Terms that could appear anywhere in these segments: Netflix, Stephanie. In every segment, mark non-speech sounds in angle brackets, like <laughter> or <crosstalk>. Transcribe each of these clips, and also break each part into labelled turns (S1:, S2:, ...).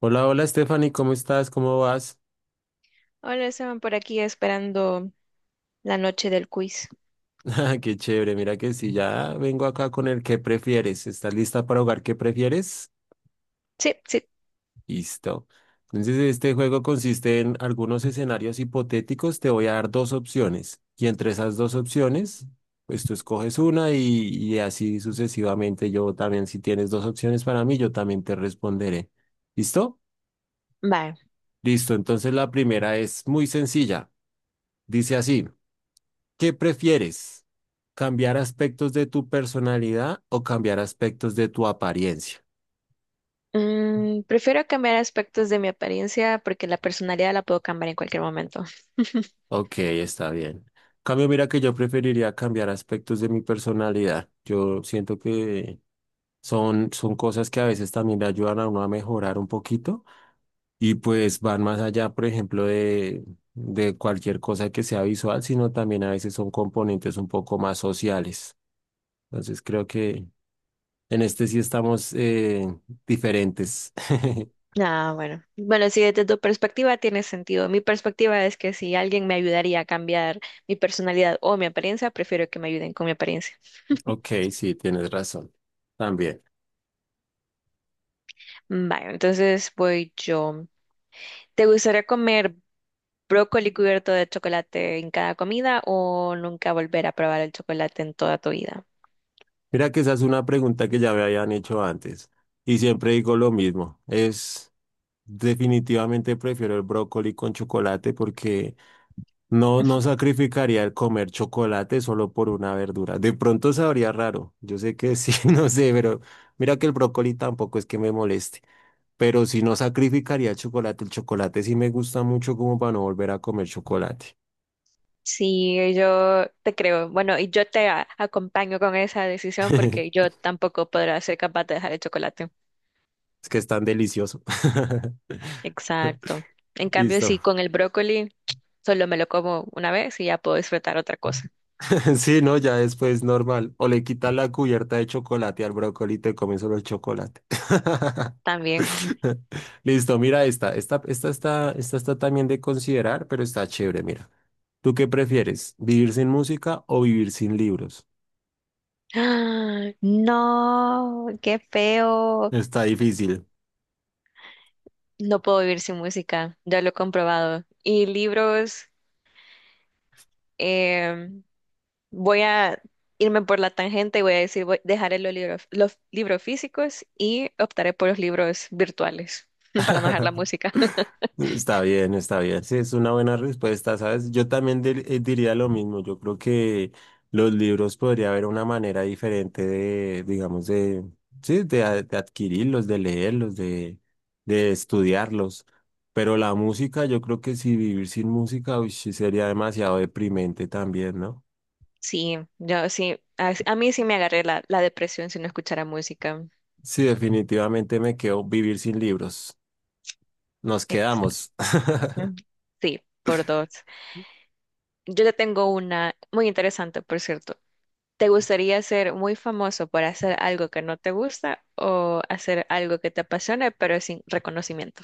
S1: Hola, hola Stephanie, ¿cómo estás? ¿Cómo vas?
S2: Hola, estaban por aquí esperando la noche del quiz.
S1: <laughs> Qué chévere, mira que sí ya vengo acá con el ¿qué prefieres? ¿Estás lista para jugar qué prefieres?
S2: Sí, sí.
S1: Listo. Entonces, este juego consiste en algunos escenarios hipotéticos. Te voy a dar dos opciones y entre esas dos opciones, pues tú escoges una y así sucesivamente. Yo también, si tienes dos opciones para mí, yo también te responderé. ¿Listo?
S2: Vale.
S1: Listo. Entonces, la primera es muy sencilla. Dice así. ¿Qué prefieres? ¿Cambiar aspectos de tu personalidad o cambiar aspectos de tu apariencia?
S2: Prefiero cambiar aspectos de mi apariencia porque la personalidad la puedo cambiar en cualquier momento.
S1: Ok, está bien. Cambio, mira que yo preferiría cambiar aspectos de mi personalidad. Yo siento que son cosas que a veces también le ayudan a uno a mejorar un poquito y pues van más allá, por ejemplo, de cualquier cosa que sea visual, sino también a veces son componentes un poco más sociales. Entonces creo que en este sí estamos diferentes. <laughs>
S2: Ah, bueno. Bueno, sí, desde tu perspectiva tiene sentido. Mi perspectiva es que si alguien me ayudaría a cambiar mi personalidad o mi apariencia, prefiero que me ayuden con mi apariencia.
S1: Ok, sí, tienes razón. También.
S2: Vale, entonces voy yo. ¿Te gustaría comer brócoli cubierto de chocolate en cada comida o nunca volver a probar el chocolate en toda tu vida?
S1: Mira que esa es una pregunta que ya me habían hecho antes y siempre digo lo mismo. Es definitivamente prefiero el brócoli con chocolate porque no sacrificaría el comer chocolate solo por una verdura. De pronto sabría raro. Yo sé que sí, <laughs> no sé, pero mira que el brócoli tampoco es que me moleste. Pero si no sacrificaría el chocolate sí me gusta mucho como para no volver a comer chocolate.
S2: Sí, yo te creo. Bueno, y yo te acompaño con esa decisión porque
S1: <laughs>
S2: yo tampoco podrá ser capaz de dejar el chocolate.
S1: Es que es tan delicioso. <laughs>
S2: Exacto. En cambio,
S1: Listo.
S2: sí, con el brócoli solo me lo como una vez y ya puedo disfrutar otra cosa
S1: <laughs> Sí, no, ya después normal. O le quitas la cubierta de chocolate al brócoli y te comes solo el chocolate. <laughs>
S2: también.
S1: Listo, mira esta. Esta está también de considerar, pero está chévere, mira. ¿Tú qué prefieres? ¿Vivir sin música o vivir sin libros?
S2: ¡Ah! No, qué feo.
S1: Está difícil.
S2: No puedo vivir sin música. Ya lo he comprobado. Y libros, em, voy a irme por la tangente y voy a decir, voy, dejaré los libros físicos y optaré por los libros virtuales <laughs> para no dejar la
S1: <laughs>
S2: música. <laughs>
S1: Está bien, está bien. Sí, es una buena respuesta, ¿sabes? Yo también diría lo mismo. Yo creo que los libros podría haber una manera diferente digamos, sí, de adquirirlos, de leerlos, de estudiarlos. Pero la música, yo creo que si vivir sin música, uy, sí sería demasiado deprimente también, ¿no?
S2: Sí, yo sí, a mí sí me agarré la depresión si no escuchara música.
S1: Sí, definitivamente me quedo vivir sin libros. Nos
S2: Exacto.
S1: quedamos. <laughs>
S2: Sí, por dos. Yo te tengo una muy interesante, por cierto. ¿Te gustaría ser muy famoso por hacer algo que no te gusta o hacer algo que te apasione pero sin reconocimiento?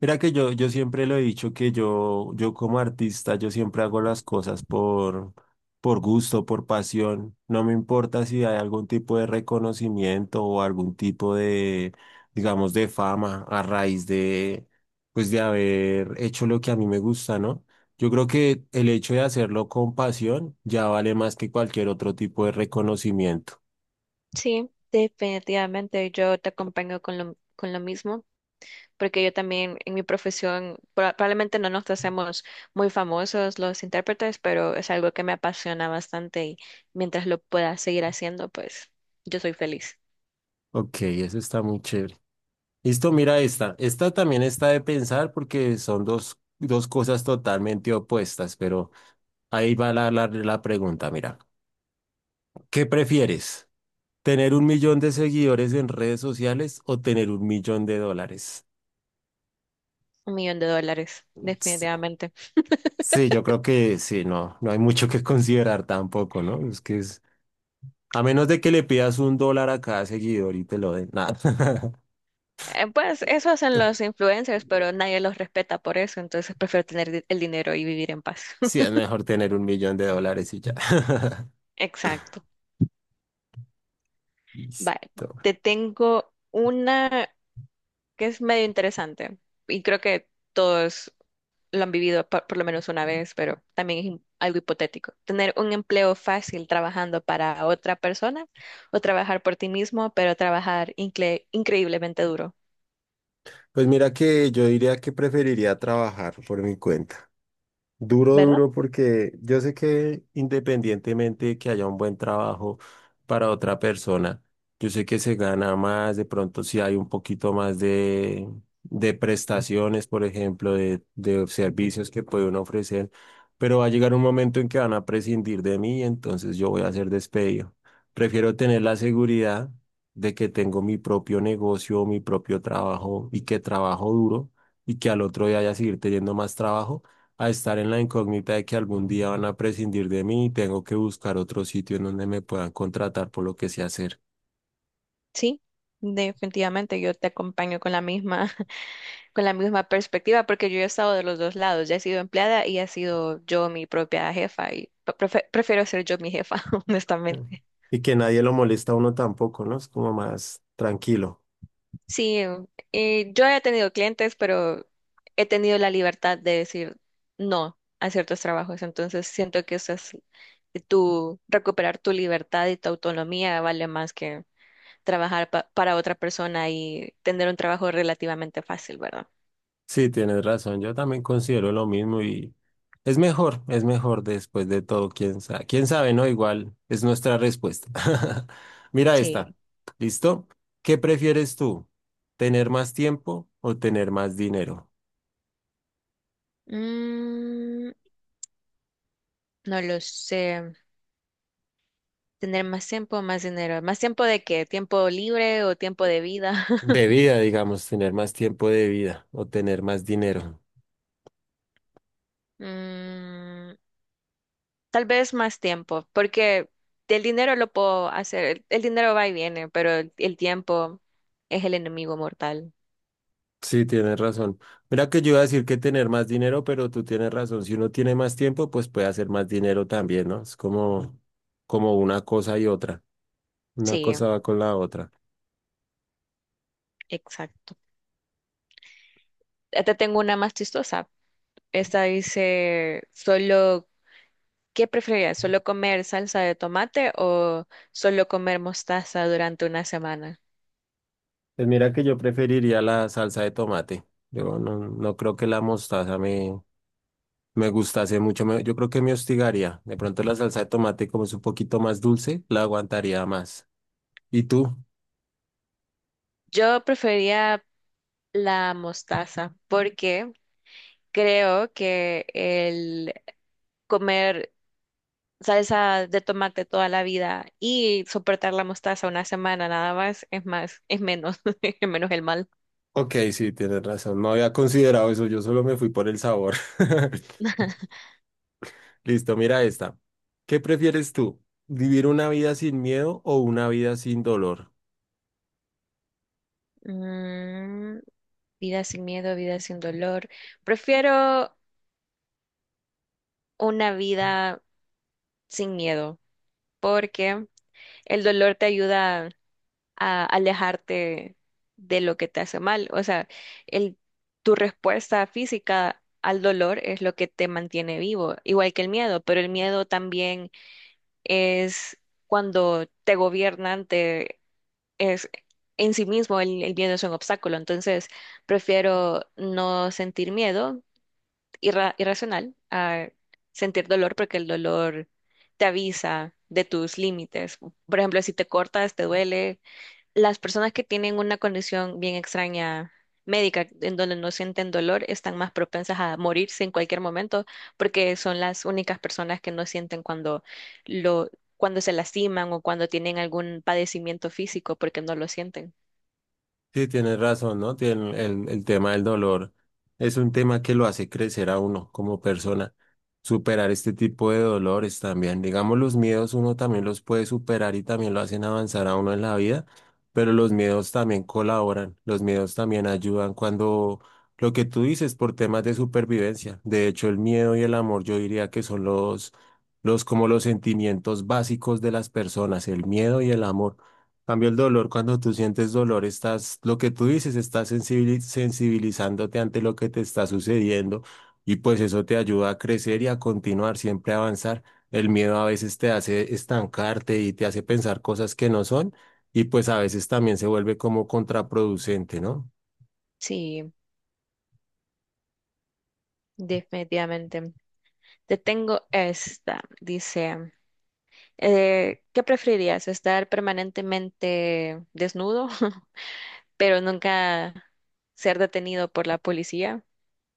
S1: Mira que yo siempre lo he dicho que yo como artista, yo siempre hago las cosas por gusto, por pasión. No me importa si hay algún tipo de reconocimiento o algún tipo de, digamos, de fama a raíz de, pues de haber hecho lo que a mí me gusta, ¿no? Yo creo que el hecho de hacerlo con pasión ya vale más que cualquier otro tipo de reconocimiento.
S2: Sí, definitivamente yo te acompaño con lo mismo, porque yo también en mi profesión probablemente no nos hacemos muy famosos los intérpretes, pero es algo que me apasiona bastante y mientras lo pueda seguir haciendo, pues yo soy feliz.
S1: Ok, eso está muy chévere. Listo, mira esta. Esta también está de pensar porque son dos cosas totalmente opuestas, pero ahí va la pregunta, mira. ¿Qué prefieres? ¿Tener un millón de seguidores en redes sociales o tener un millón de dólares?
S2: $1 millón,
S1: Sí,
S2: definitivamente.
S1: sí, yo creo que sí, no, no hay mucho que <laughs> considerar tampoco, ¿no? Es que es, a menos de que le pidas un dólar a cada seguidor y te lo den, nada. <laughs>
S2: Pues eso hacen los influencers, pero nadie los respeta por eso, entonces prefiero tener el dinero y vivir en paz.
S1: Sí, es
S2: <laughs>
S1: mejor tener un millón de dólares y ya. <laughs>
S2: Exacto. Vale,
S1: Listo.
S2: te tengo una que es medio interesante. Y creo que todos lo han vivido por lo menos una vez, pero también es algo hipotético. Tener un empleo fácil trabajando para otra persona o trabajar por ti mismo, pero trabajar increíblemente duro,
S1: Pues mira que yo diría que preferiría trabajar por mi cuenta. Duro,
S2: ¿verdad?
S1: duro, porque yo sé que independientemente de que haya un buen trabajo para otra persona, yo sé que se gana más, de pronto si hay un poquito más de prestaciones, por ejemplo, de servicios que puede uno ofrecer, pero va a llegar un momento en que van a prescindir de mí, entonces yo voy a ser despedido. Prefiero tener la seguridad de que tengo mi propio negocio, mi propio trabajo y que trabajo duro y que al otro día haya seguir teniendo más trabajo a estar en la incógnita de que algún día van a prescindir de mí y tengo que buscar otro sitio en donde me puedan contratar por lo que sé hacer.
S2: Sí, definitivamente yo te acompaño con la misma, <laughs> con la misma perspectiva, porque yo he estado de los dos lados, ya he sido empleada y he sido yo mi propia jefa y prefiero ser yo mi jefa, <laughs>
S1: Mm.
S2: honestamente.
S1: Y que nadie lo molesta a uno tampoco, ¿no? Es como más tranquilo.
S2: Sí, yo he tenido clientes, pero he tenido la libertad de decir no a ciertos trabajos. Entonces siento que eso es tu recuperar tu libertad y tu autonomía vale más que trabajar para otra persona y tener un trabajo relativamente fácil, ¿verdad?
S1: Sí, tienes razón, yo también considero lo mismo y es mejor después de todo, quién sabe, ¿no? Igual es nuestra respuesta. <laughs> Mira esta,
S2: Sí.
S1: ¿listo? ¿Qué prefieres tú? ¿Tener más tiempo o tener más dinero?
S2: Mm, no lo sé. Tener más tiempo, más dinero. ¿Más tiempo de qué? ¿Tiempo libre o tiempo de vida?
S1: De
S2: <laughs>
S1: vida, digamos, tener más tiempo de vida o tener más dinero.
S2: Mm, Tal vez más tiempo, porque el dinero lo puedo hacer, el dinero va y viene, pero el tiempo es el enemigo mortal.
S1: Sí, tienes razón. Mira que yo iba a decir que tener más dinero, pero tú tienes razón. Si uno tiene más tiempo, pues puede hacer más dinero también, ¿no? Es como, como una cosa y otra. Una
S2: Sí,
S1: cosa va con la otra.
S2: exacto. Ya te tengo una más chistosa. Esta dice, solo, ¿qué preferirías? ¿Solo comer salsa de tomate o solo comer mostaza durante una semana?
S1: Pues mira que yo preferiría la salsa de tomate. Yo no, no creo que la mostaza me gustase mucho. Me- yo creo que me hostigaría. De pronto la salsa de tomate, como es un poquito más dulce, la aguantaría más. ¿Y tú?
S2: Yo preferiría la mostaza porque creo que el comer salsa de tomate toda la vida y soportar la mostaza una semana nada más es más, es menos, <laughs> es menos el mal.
S1: Ok, sí, tienes razón. No había considerado eso. Yo solo me fui por el sabor. <laughs> Listo, mira esta. ¿Qué prefieres tú? ¿Vivir una vida sin miedo o una vida sin dolor?
S2: Mm, Vida sin miedo, vida sin dolor. Prefiero una vida sin miedo porque el dolor te ayuda a alejarte de lo que te hace mal. O sea, el, tu respuesta física al dolor es lo que te mantiene vivo, igual que el miedo, pero el miedo también es cuando te gobiernan, es en sí mismo el miedo es un obstáculo. Entonces, prefiero no sentir miedo irracional a sentir dolor porque el dolor te avisa de tus límites. Por ejemplo, si te cortas, te duele, las personas que tienen una condición bien extraña médica, en donde no sienten dolor, están más propensas a morirse en cualquier momento, porque son las únicas personas que no sienten cuando lo, cuando se lastiman o cuando tienen algún padecimiento físico, porque no lo sienten.
S1: Sí, tienes razón, ¿no? Tiene el tema del dolor es un tema que lo hace crecer a uno como persona. Superar este tipo de dolores también. Digamos, los miedos uno también los puede superar y también lo hacen avanzar a uno en la vida, pero los miedos también colaboran, los miedos también ayudan cuando lo que tú dices por temas de supervivencia. De hecho, el miedo y el amor yo diría que son los como los sentimientos básicos de las personas, el miedo y el amor. Cambio el dolor, cuando tú sientes dolor, estás, lo que tú dices, estás sensibilizándote ante lo que te está sucediendo y pues eso te ayuda a crecer y a continuar, siempre a avanzar. El miedo a veces te hace estancarte y te hace pensar cosas que no son y pues a veces también se vuelve como contraproducente, ¿no?
S2: Sí, definitivamente. Te tengo esta, dice, ¿qué preferirías? ¿Estar permanentemente desnudo <laughs> pero nunca ser detenido por la policía,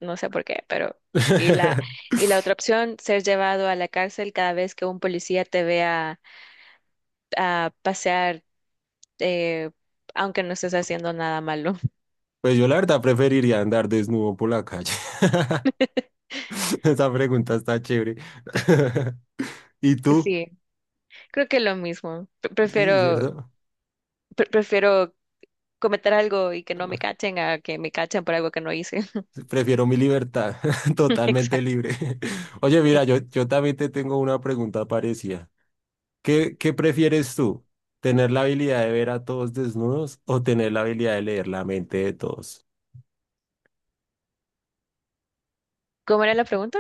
S2: no sé por qué, pero y la
S1: <laughs>
S2: y la otra opción, ser llevado a la cárcel cada vez que un policía te vea a pasear, eh, aunque no estés haciendo nada malo? <laughs>
S1: Pues yo la verdad preferiría andar desnudo por la calle. <laughs> Esa pregunta está chévere. <laughs> ¿Y tú?
S2: Sí, creo que lo mismo. Pre-
S1: Sí,
S2: Prefiero
S1: ¿cierto?
S2: pre- prefiero cometer algo y que no me cachen a que me cachen por algo que no hice.
S1: Prefiero mi libertad, <laughs>
S2: <laughs>
S1: totalmente
S2: Exacto.
S1: libre. <laughs> Oye, mira,
S2: Eh,
S1: yo también te tengo una pregunta parecida. Qué prefieres tú? ¿Tener la habilidad de ver a todos desnudos o tener la habilidad de leer la mente de todos?
S2: ¿Cómo era la pregunta?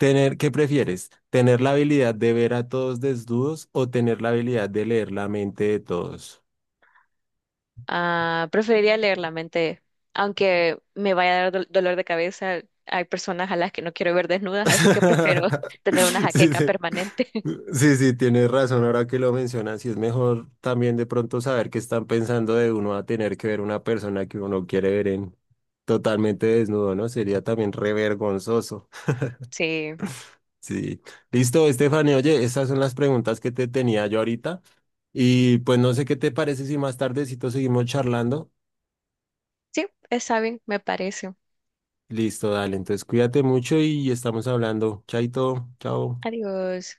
S1: Tener, ¿qué prefieres? ¿Tener la habilidad de ver a todos desnudos o tener la habilidad de leer la mente de todos?
S2: Ah, preferiría leer la mente, aunque me vaya a dar dolor de cabeza. Hay personas a las que no quiero ver desnudas, así que prefiero <laughs>
S1: <laughs>
S2: tener una
S1: Sí,
S2: jaqueca
S1: sí.
S2: permanente. <laughs>
S1: Sí, sí, tienes razón. Ahora que lo mencionas, y es mejor también de pronto saber qué están pensando de uno a tener que ver una persona que uno quiere ver en totalmente desnudo, ¿no? Sería también re vergonzoso. <laughs>
S2: Sí,
S1: Sí. Listo, Estefany. Oye, esas son las preguntas que te tenía yo ahorita. Y pues no sé qué te parece si más tardecito seguimos charlando.
S2: sí, está bien, me parece.
S1: Listo, dale. Entonces cuídate mucho y estamos hablando. Chaito, chao.
S2: Adiós.